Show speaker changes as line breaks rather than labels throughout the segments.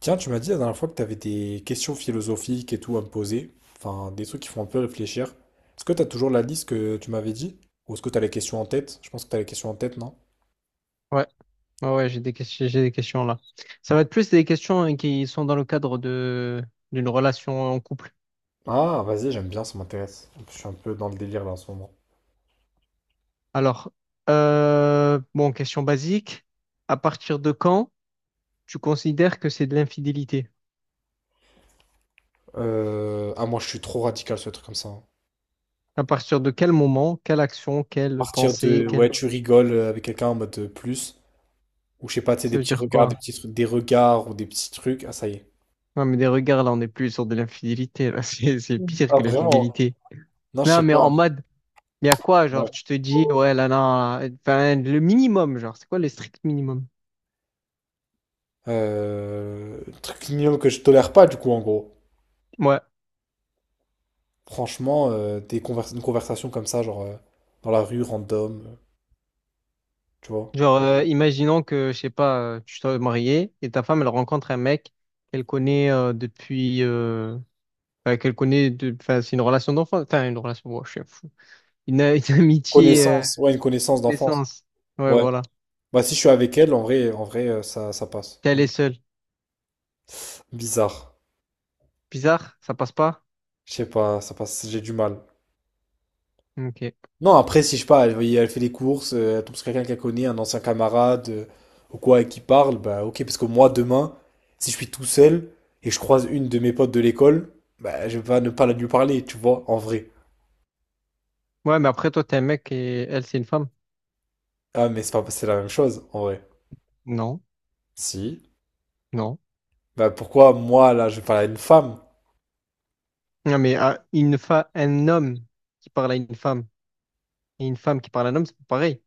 Tiens, tu m'as dit la dernière fois que tu avais des questions philosophiques et tout à me poser, enfin des trucs qui font un peu réfléchir. Est-ce que tu as toujours la liste que tu m'avais dit? Ou est-ce que tu as les questions en tête? Je pense que tu as les questions en tête, non?
Ouais, ouais, ouais, j'ai des questions là. Ça va être plus des questions hein, qui sont dans le cadre de d'une relation en couple.
Ah, vas-y, j'aime bien, ça m'intéresse. Je suis un peu dans le délire là en ce moment.
Alors, bon, question basique. À partir de quand tu considères que c'est de l'infidélité?
Ah, moi je suis trop radical ce truc comme ça, hein.
À partir de quel moment, quelle action, quelle
Partir
pensée,
de,
quelle...
ouais, tu rigoles avec quelqu'un en mode plus, ou je sais pas, tu sais,
Ça
des
veut
petits
dire
regards, des
quoi?
petits trucs, des regards ou des petits trucs. Ah, ça y est.
Non, mais des regards, là, on n'est plus sur de l'infidélité. Là. C'est pire
Ah,
que
vraiment?
l'infidélité.
Non, je
Non,
sais
mais en
pas.
mode, il y a quoi? Genre,
Ouais.
tu te dis, ouais, là, non, là, enfin, le minimum, genre, c'est quoi le strict minimum?
Truc mignon que je tolère pas du coup en gros. Franchement, une conversation comme ça, genre dans la rue, random, tu vois.
Genre, imaginons que, je sais pas, tu sois marié et ta femme, elle rencontre un mec qu'elle connaît depuis... enfin, qu'elle connaît... Enfin, c'est une relation d'enfant. Enfin, une relation... ouais, je suis un fou. Une amitié
Connaissance, ouais, une connaissance d'enfance.
d'essence. Ouais,
Ouais.
voilà.
Bah si je suis avec elle, en vrai, ça, ça passe.
Puis elle est seule.
Bizarre.
Bizarre, ça passe pas?
Je sais pas, ça passe, j'ai du mal.
Ok.
Non, après, si je sais pas, elle, elle fait les courses, elle tombe sur quelqu'un qu'elle connaît, un ancien camarade, ou quoi, et qui parle, bah ok, parce que moi, demain, si je suis tout seul et que je croise une de mes potes de l'école, bah je vais pas ne pas la lui parler, tu vois, en vrai.
Ouais, mais après, toi, t'es un mec et elle, c'est une femme?
Ah, mais c'est pas, c'est la même chose, en vrai.
Non.
Si.
Non.
Bah pourquoi moi là je parle à une femme?
Non, mais ah, un homme qui parle à une femme et une femme qui parle à un homme, c'est pas pareil.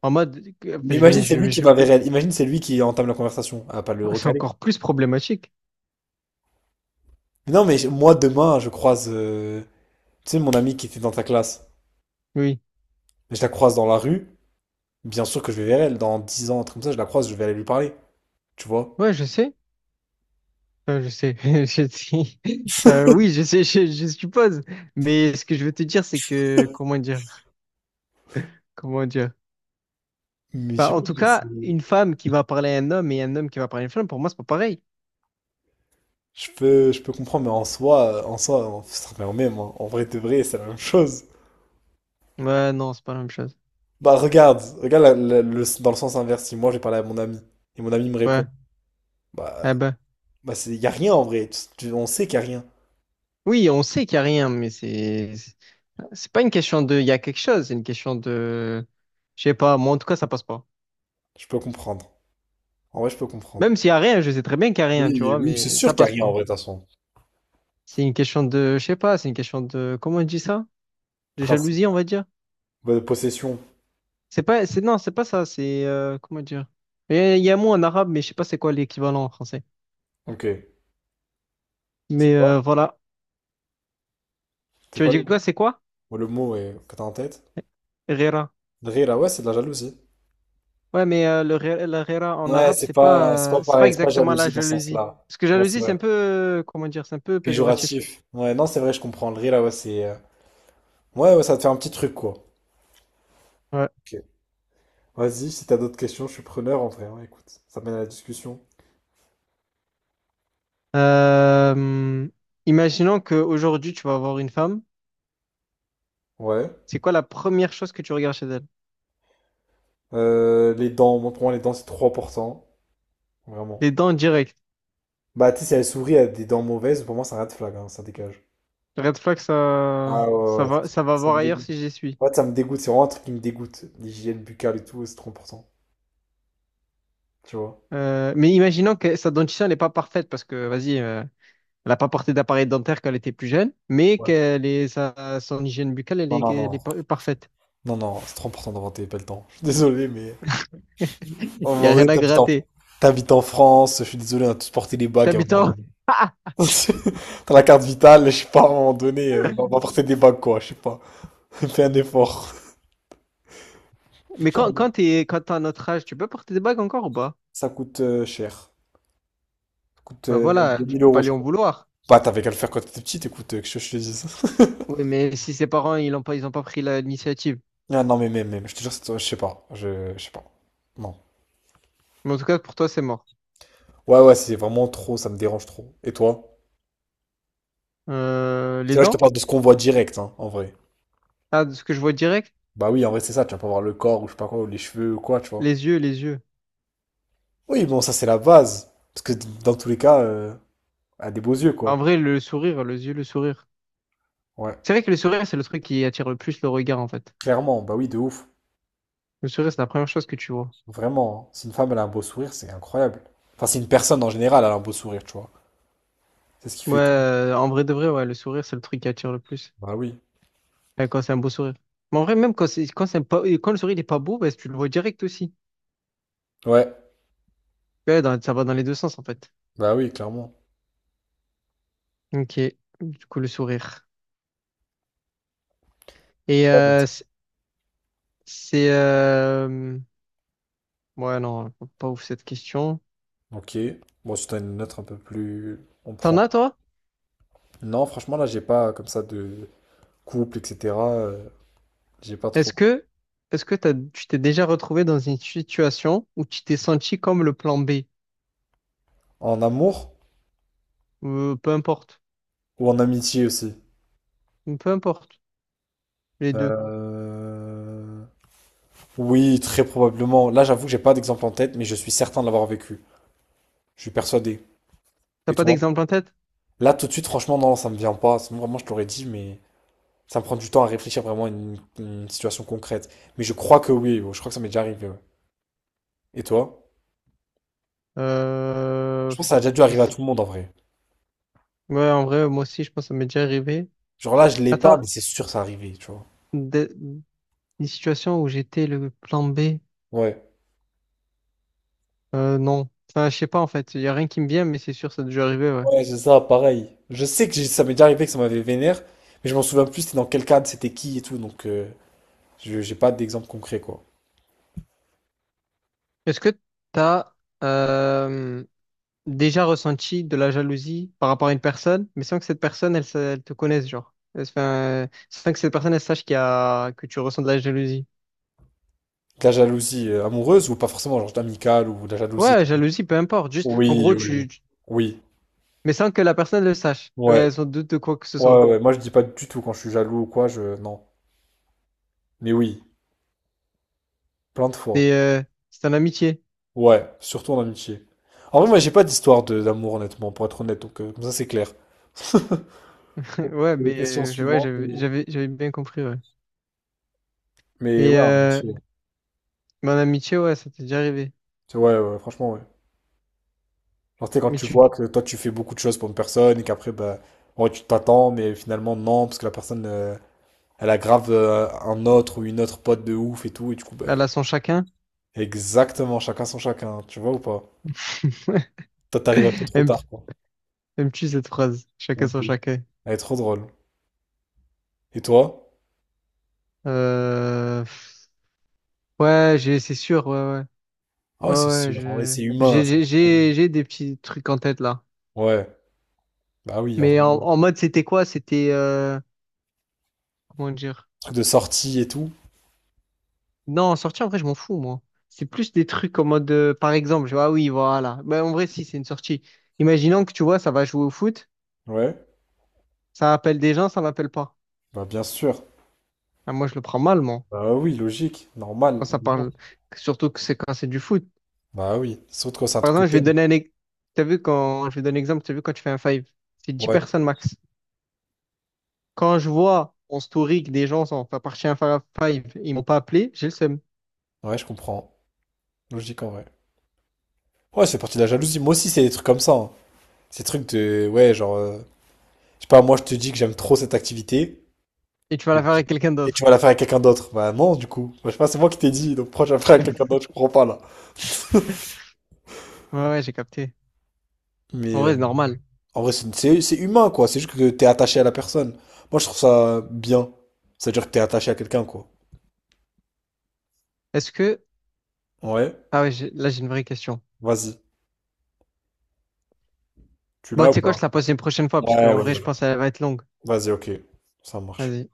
En mode...
Mais
enfin,
imagine c'est lui qui
je...
va vers elle. Imagine c'est lui qui entame la conversation. Ah pas le
C'est
recaler.
encore plus problématique.
Non mais moi demain je croise tu sais, mon amie qui était dans ta classe.
Oui.
Je la croise dans la rue. Bien sûr que je vais vers elle. Dans 10 ans, un truc comme ça, je la croise, je vais aller lui parler. Tu vois?
Ouais, je sais. Enfin, je sais. Je sais. Oui, je sais, je suppose. Mais ce que je veux te dire, c'est que, comment dire? Comment dire?
Mais je
Bah,
sais
en
pas,
tout
je
cas,
sais-
une femme qui va parler à un homme et un homme qui va parler à une femme, pour moi, c'est pas pareil.
Je peux, je peux comprendre, mais en soi, ça revient au même, hein. En vrai de vrai, c'est la même chose.
Ouais, non, c'est pas la même chose.
Bah regarde, dans le sens inverse. Si moi j'ai parlé à mon ami et mon ami me répond,
Ouais. Ah
bah
ben.
bah c'est y a rien en vrai. On sait qu'il y a rien.
Oui, on sait qu'il y a rien, mais c'est pas une question de, il y a quelque chose, c'est une question de, je sais pas, moi, en tout cas, ça passe pas.
Je peux comprendre. En vrai, je peux comprendre.
Même s'il y a rien, je sais très bien qu'il y a rien, tu
Oui,
vois,
oui, c'est
mais ça
sûr
passe
Carrie en
pas.
vrai, de toute façon.
C'est une question de, je sais pas, c'est une question de, comment on dit ça? De
Principe.
jalousie, on va dire.
Bah, de possession.
C'est pas, c'est, non, c'est pas ça, c'est, comment dire? Il y a un mot en arabe, mais je sais pas c'est quoi l'équivalent en français.
Ok. C'est
Mais
quoi?
voilà.
C'est
Tu veux
quoi le
dire quoi,
mot?
c'est quoi?
Ouais, le mot que t'as en tête?
Rera.
Drira, ouais, c'est de la jalousie.
Ouais, mais le, la rera en
Ouais,
arabe,
c'est pas
c'est pas
pareil, c'est pas
exactement la
jalousie dans ce
jalousie.
sens-là.
Parce que
Ouais, c'est
jalousie, c'est
vrai.
un peu, comment dire, c'est un peu péjoratif.
Péjoratif. Ouais, non, c'est vrai, je comprends. Le Drira, ouais, c'est. Ouais, ouais, ça te fait un petit truc, quoi.
Ouais.
Ok. Vas-y, si t'as d'autres questions, je suis preneur en vrai, ouais. Écoute, ça mène à la discussion.
Euh, imaginons qu'aujourd'hui, tu vas avoir une femme.
Ouais.
C'est quoi la première chose que tu regardes chez elle?
Les dents, moi, pour moi, les dents, c'est trop important.
Les
Vraiment.
dents directes.
Bah, tu sais, si elle sourit, elle a des dents mauvaises, pour moi, c'est un red flag, hein, ça dégage.
Red flag, ça,
Ah ouais, ouais, ouais, ça
ça va
ça
voir
me
ailleurs
dégoûte.
si j'y suis.
Ouais, ça me dégoûte, c'est vraiment un truc qui me dégoûte. L'hygiène buccale et tout, c'est trop important, tu vois.
Mais imaginons que sa dentition n'est pas parfaite parce que, vas-y, elle n'a pas porté d'appareil dentaire quand elle était plus jeune, mais
Ouais.
son hygiène buccale,
Non, non,
elle
non.
est parfaite.
Non, non, c'est trop important d'inventer pas le temps. Je suis désolé, mais... À
Il
un
n'y a
moment
rien
donné,
à gratter.
t'habites en France, je suis désolé, on a tous porté des bagues à un moment
T'habitant.
donné. T'as la carte vitale, je sais pas, à un moment donné, on va porter des bagues, quoi, je sais pas. Fais un effort.
Mais
Putain, mais...
quand t'as notre âge, tu peux porter des bagues encore ou pas?
Ça coûte cher. Ça coûte
Ben voilà,
deux
tu
mille
peux pas
euros, je
lui en
crois.
vouloir.
Bah, t'avais qu'à le faire quand t'étais petit, écoute, que je te dise.
Oui, mais si ses parents, ils ont pas pris l'initiative.
Ah non, mais même, même, je te jure, je sais pas, je sais pas. Non.
Mais en tout cas, pour toi, c'est mort.
Ouais, ouais, si c'est vraiment trop, ça me dérange trop. Et toi?
Les
C'est là, je te
dents?
parle de ce qu'on voit direct, hein, en vrai.
Ah, de ce que je vois direct,
Bah oui, en vrai, c'est ça, tu vas pas voir le corps, ou je sais pas quoi, ou les cheveux, ou quoi, tu vois.
les yeux.
Oui, bon, ça, c'est la base. Parce que dans tous les cas, elle a des beaux yeux,
Bah, en
quoi.
vrai, le sourire.
Ouais,
C'est vrai que le sourire, c'est le truc qui attire le plus le regard, en fait.
clairement, bah oui, de ouf.
Le sourire, c'est la première chose que tu vois.
Vraiment, hein. Si une femme, elle a un beau sourire, c'est incroyable. Enfin, si une personne, en général, elle a un beau sourire, tu vois. C'est ce qui
Ouais,
fait tout.
en vrai de vrai, ouais, le sourire, c'est le truc qui attire le plus.
Bah oui.
Ouais, quand c'est un beau sourire. Mais en vrai, même quand c'est pas, quand le sourire n'est pas beau, bah, tu le vois direct aussi.
Ouais,
Ouais, ça va dans les deux sens, en fait.
bah oui, clairement.
Ok. Du coup, le sourire. Et
Ouais, bah-
euh, c'est. c'est, euh, Ouais, non, pas ouf cette question.
Ok. Bon, si t'en as une autre un peu plus, on
T'en
prend.
as, toi?
Non, franchement, là, j'ai pas comme ça de couple, etc. J'ai pas
Est-ce
trop.
que, est-ce que tu t'es déjà retrouvé dans une situation où tu t'es senti comme le plan B?
En amour
Peu importe.
ou en amitié aussi?
Peu importe, les deux.
Euh, Oui, très probablement. Là, j'avoue que j'ai pas d'exemple en tête, mais je suis certain de l'avoir vécu. Je suis persuadé. Et
T'as pas
toi?
d'exemple en tête?
Là, tout de suite, franchement, non, ça me vient pas. Sinon, vraiment, je te l'aurais dit, mais ça me prend du temps à réfléchir vraiment à une situation concrète. Mais je crois que oui, ouais, je crois que ça m'est déjà arrivé, ouais. Et toi?
Euh,
Je pense que ça a déjà dû
mais
arriver à
c-
tout le monde en vrai.
Ouais, en vrai, moi aussi, je pense que ça m'est déjà arrivé.
Genre là, je l'ai pas, mais
Attends,
c'est sûr que ça arrivé, tu vois.
des, des situations où j'étais le plan B,
Ouais.
non. Enfin, je sais pas, en fait. Il y a rien qui me vient, mais c'est sûr, ça a déjà arrivé, ouais.
Ouais, c'est ça, pareil. Je sais que ça m'est déjà arrivé que ça m'avait vénère, mais je m'en souviens plus, c'était dans quel cadre, c'était qui et tout, donc je j'ai pas d'exemple concret, quoi.
Est-ce que t'as euh, déjà ressenti de la jalousie par rapport à une personne, mais sans que cette personne, elle te connaisse, genre? Enfin, sans que cette personne, elle sache que tu ressens de la jalousie.
De la jalousie amoureuse ou pas forcément, genre amicale ou de la jalousie.
Ouais, jalousie, peu importe. Juste, en
Oui,
gros,
oui, oui. Oui,
mais sans que la personne le sache.
ouais.
Ouais, sans doute de quoi que ce
Ouais, ouais,
soit.
ouais. Moi, je dis pas du tout quand je suis jaloux ou quoi, je... Non. Mais oui, plein de fois.
C'est euh, c'est en amitié.
Ouais, surtout en amitié. En vrai, moi, j'ai pas d'amour, honnêtement, pour être honnête, donc comme ça, c'est clair. Bon,
Ouais,
c'est la
mais
question
ouais,
suivante.
j'avais
euh.
j'avais j'avais bien compris, ouais.
Mais
Et
ouais, en amitié.
mais en amitié, ouais, ça t'est déjà arrivé.
Ouais, ouais, franchement, ouais. Genre, tu sais, quand
Mais
tu vois que toi, tu fais beaucoup de choses pour une personne et qu'après, bah, ouais, tu t'attends, mais finalement, non, parce que la personne, elle aggrave un autre ou une autre pote de ouf et tout, et du coup, bah,
à la son chacun.
exactement, chacun son chacun, tu vois ou pas? Toi, t'arrives un peu trop
Aime-
tard, quoi.
Aimes-tu cette phrase?
Un
Chacun son
peu.
chacun.
Elle est trop drôle. Et toi?
Euh, pff, ouais, c'est sûr, ouais, ouais.
Ah
Ouais,
ouais, c'est
ouais,
sûr, en vrai,
je,
c'est humain, ça.
j'ai des petits trucs en tête là.
Ouais, bah oui, en
Mais
vrai, oui.
en mode, c'était quoi? C'était, comment dire?
Truc de sortie et tout.
Non, sortie, en vrai, je m'en fous, moi. C'est plus des trucs en mode, par exemple, je vois, ah oui, voilà. Mais en vrai, si, c'est une sortie. Imaginons que tu vois, ça va jouer au foot,
Ouais,
ça appelle des gens, ça m'appelle pas.
bah bien sûr.
Ah, moi, je le prends mal, moi,
Bah oui, logique,
quand
normal.
ça parle, surtout que c'est quand c'est du foot.
Bah oui, surtout quand c'est un
Par
truc que
exemple, je vais
t'aimes.
donner un, ex- t'as vu quand, je vais donner un exemple, t'as vu quand tu fais un five, c'est dix
Ouais,
personnes max. Quand je vois en story que des gens sont pas partis à un five, ils m'ont pas appelé, j'ai le seum.
ouais, je comprends. Logique en vrai. Ouais, c'est parti de la jalousie. Moi aussi, c'est des trucs comme ça, hein. Ces trucs de, ouais, genre, je sais pas, moi je te dis que j'aime trop cette activité
Et tu vas la faire avec quelqu'un
et tu
d'autre.
vas la faire avec quelqu'un d'autre. Bah non, du coup. Moi, je sais pas, c'est moi qui t'ai dit, donc pourquoi je la ferais avec quelqu'un d'autre? Je comprends pas là.
Ouais, ouais, j'ai capté.
Mais
En vrai, c'est normal.
en vrai, c'est humain quoi. C'est juste que t'es attaché à la personne. Moi, je trouve ça bien. C'est-à-dire que t'es attaché à quelqu'un quoi.
Est-ce que,
Ouais,
ah ouais, là, j'ai une vraie question.
vas-y. Tu
Bah
l'as
tu
ou
sais quoi, je
pas?
te la pose une prochaine fois, parce
Ouais,
qu'en
ouais,
vrai, je
ouais.
pense qu'elle va être longue.
Vas-y, ok. Ça marche.
Vas-y.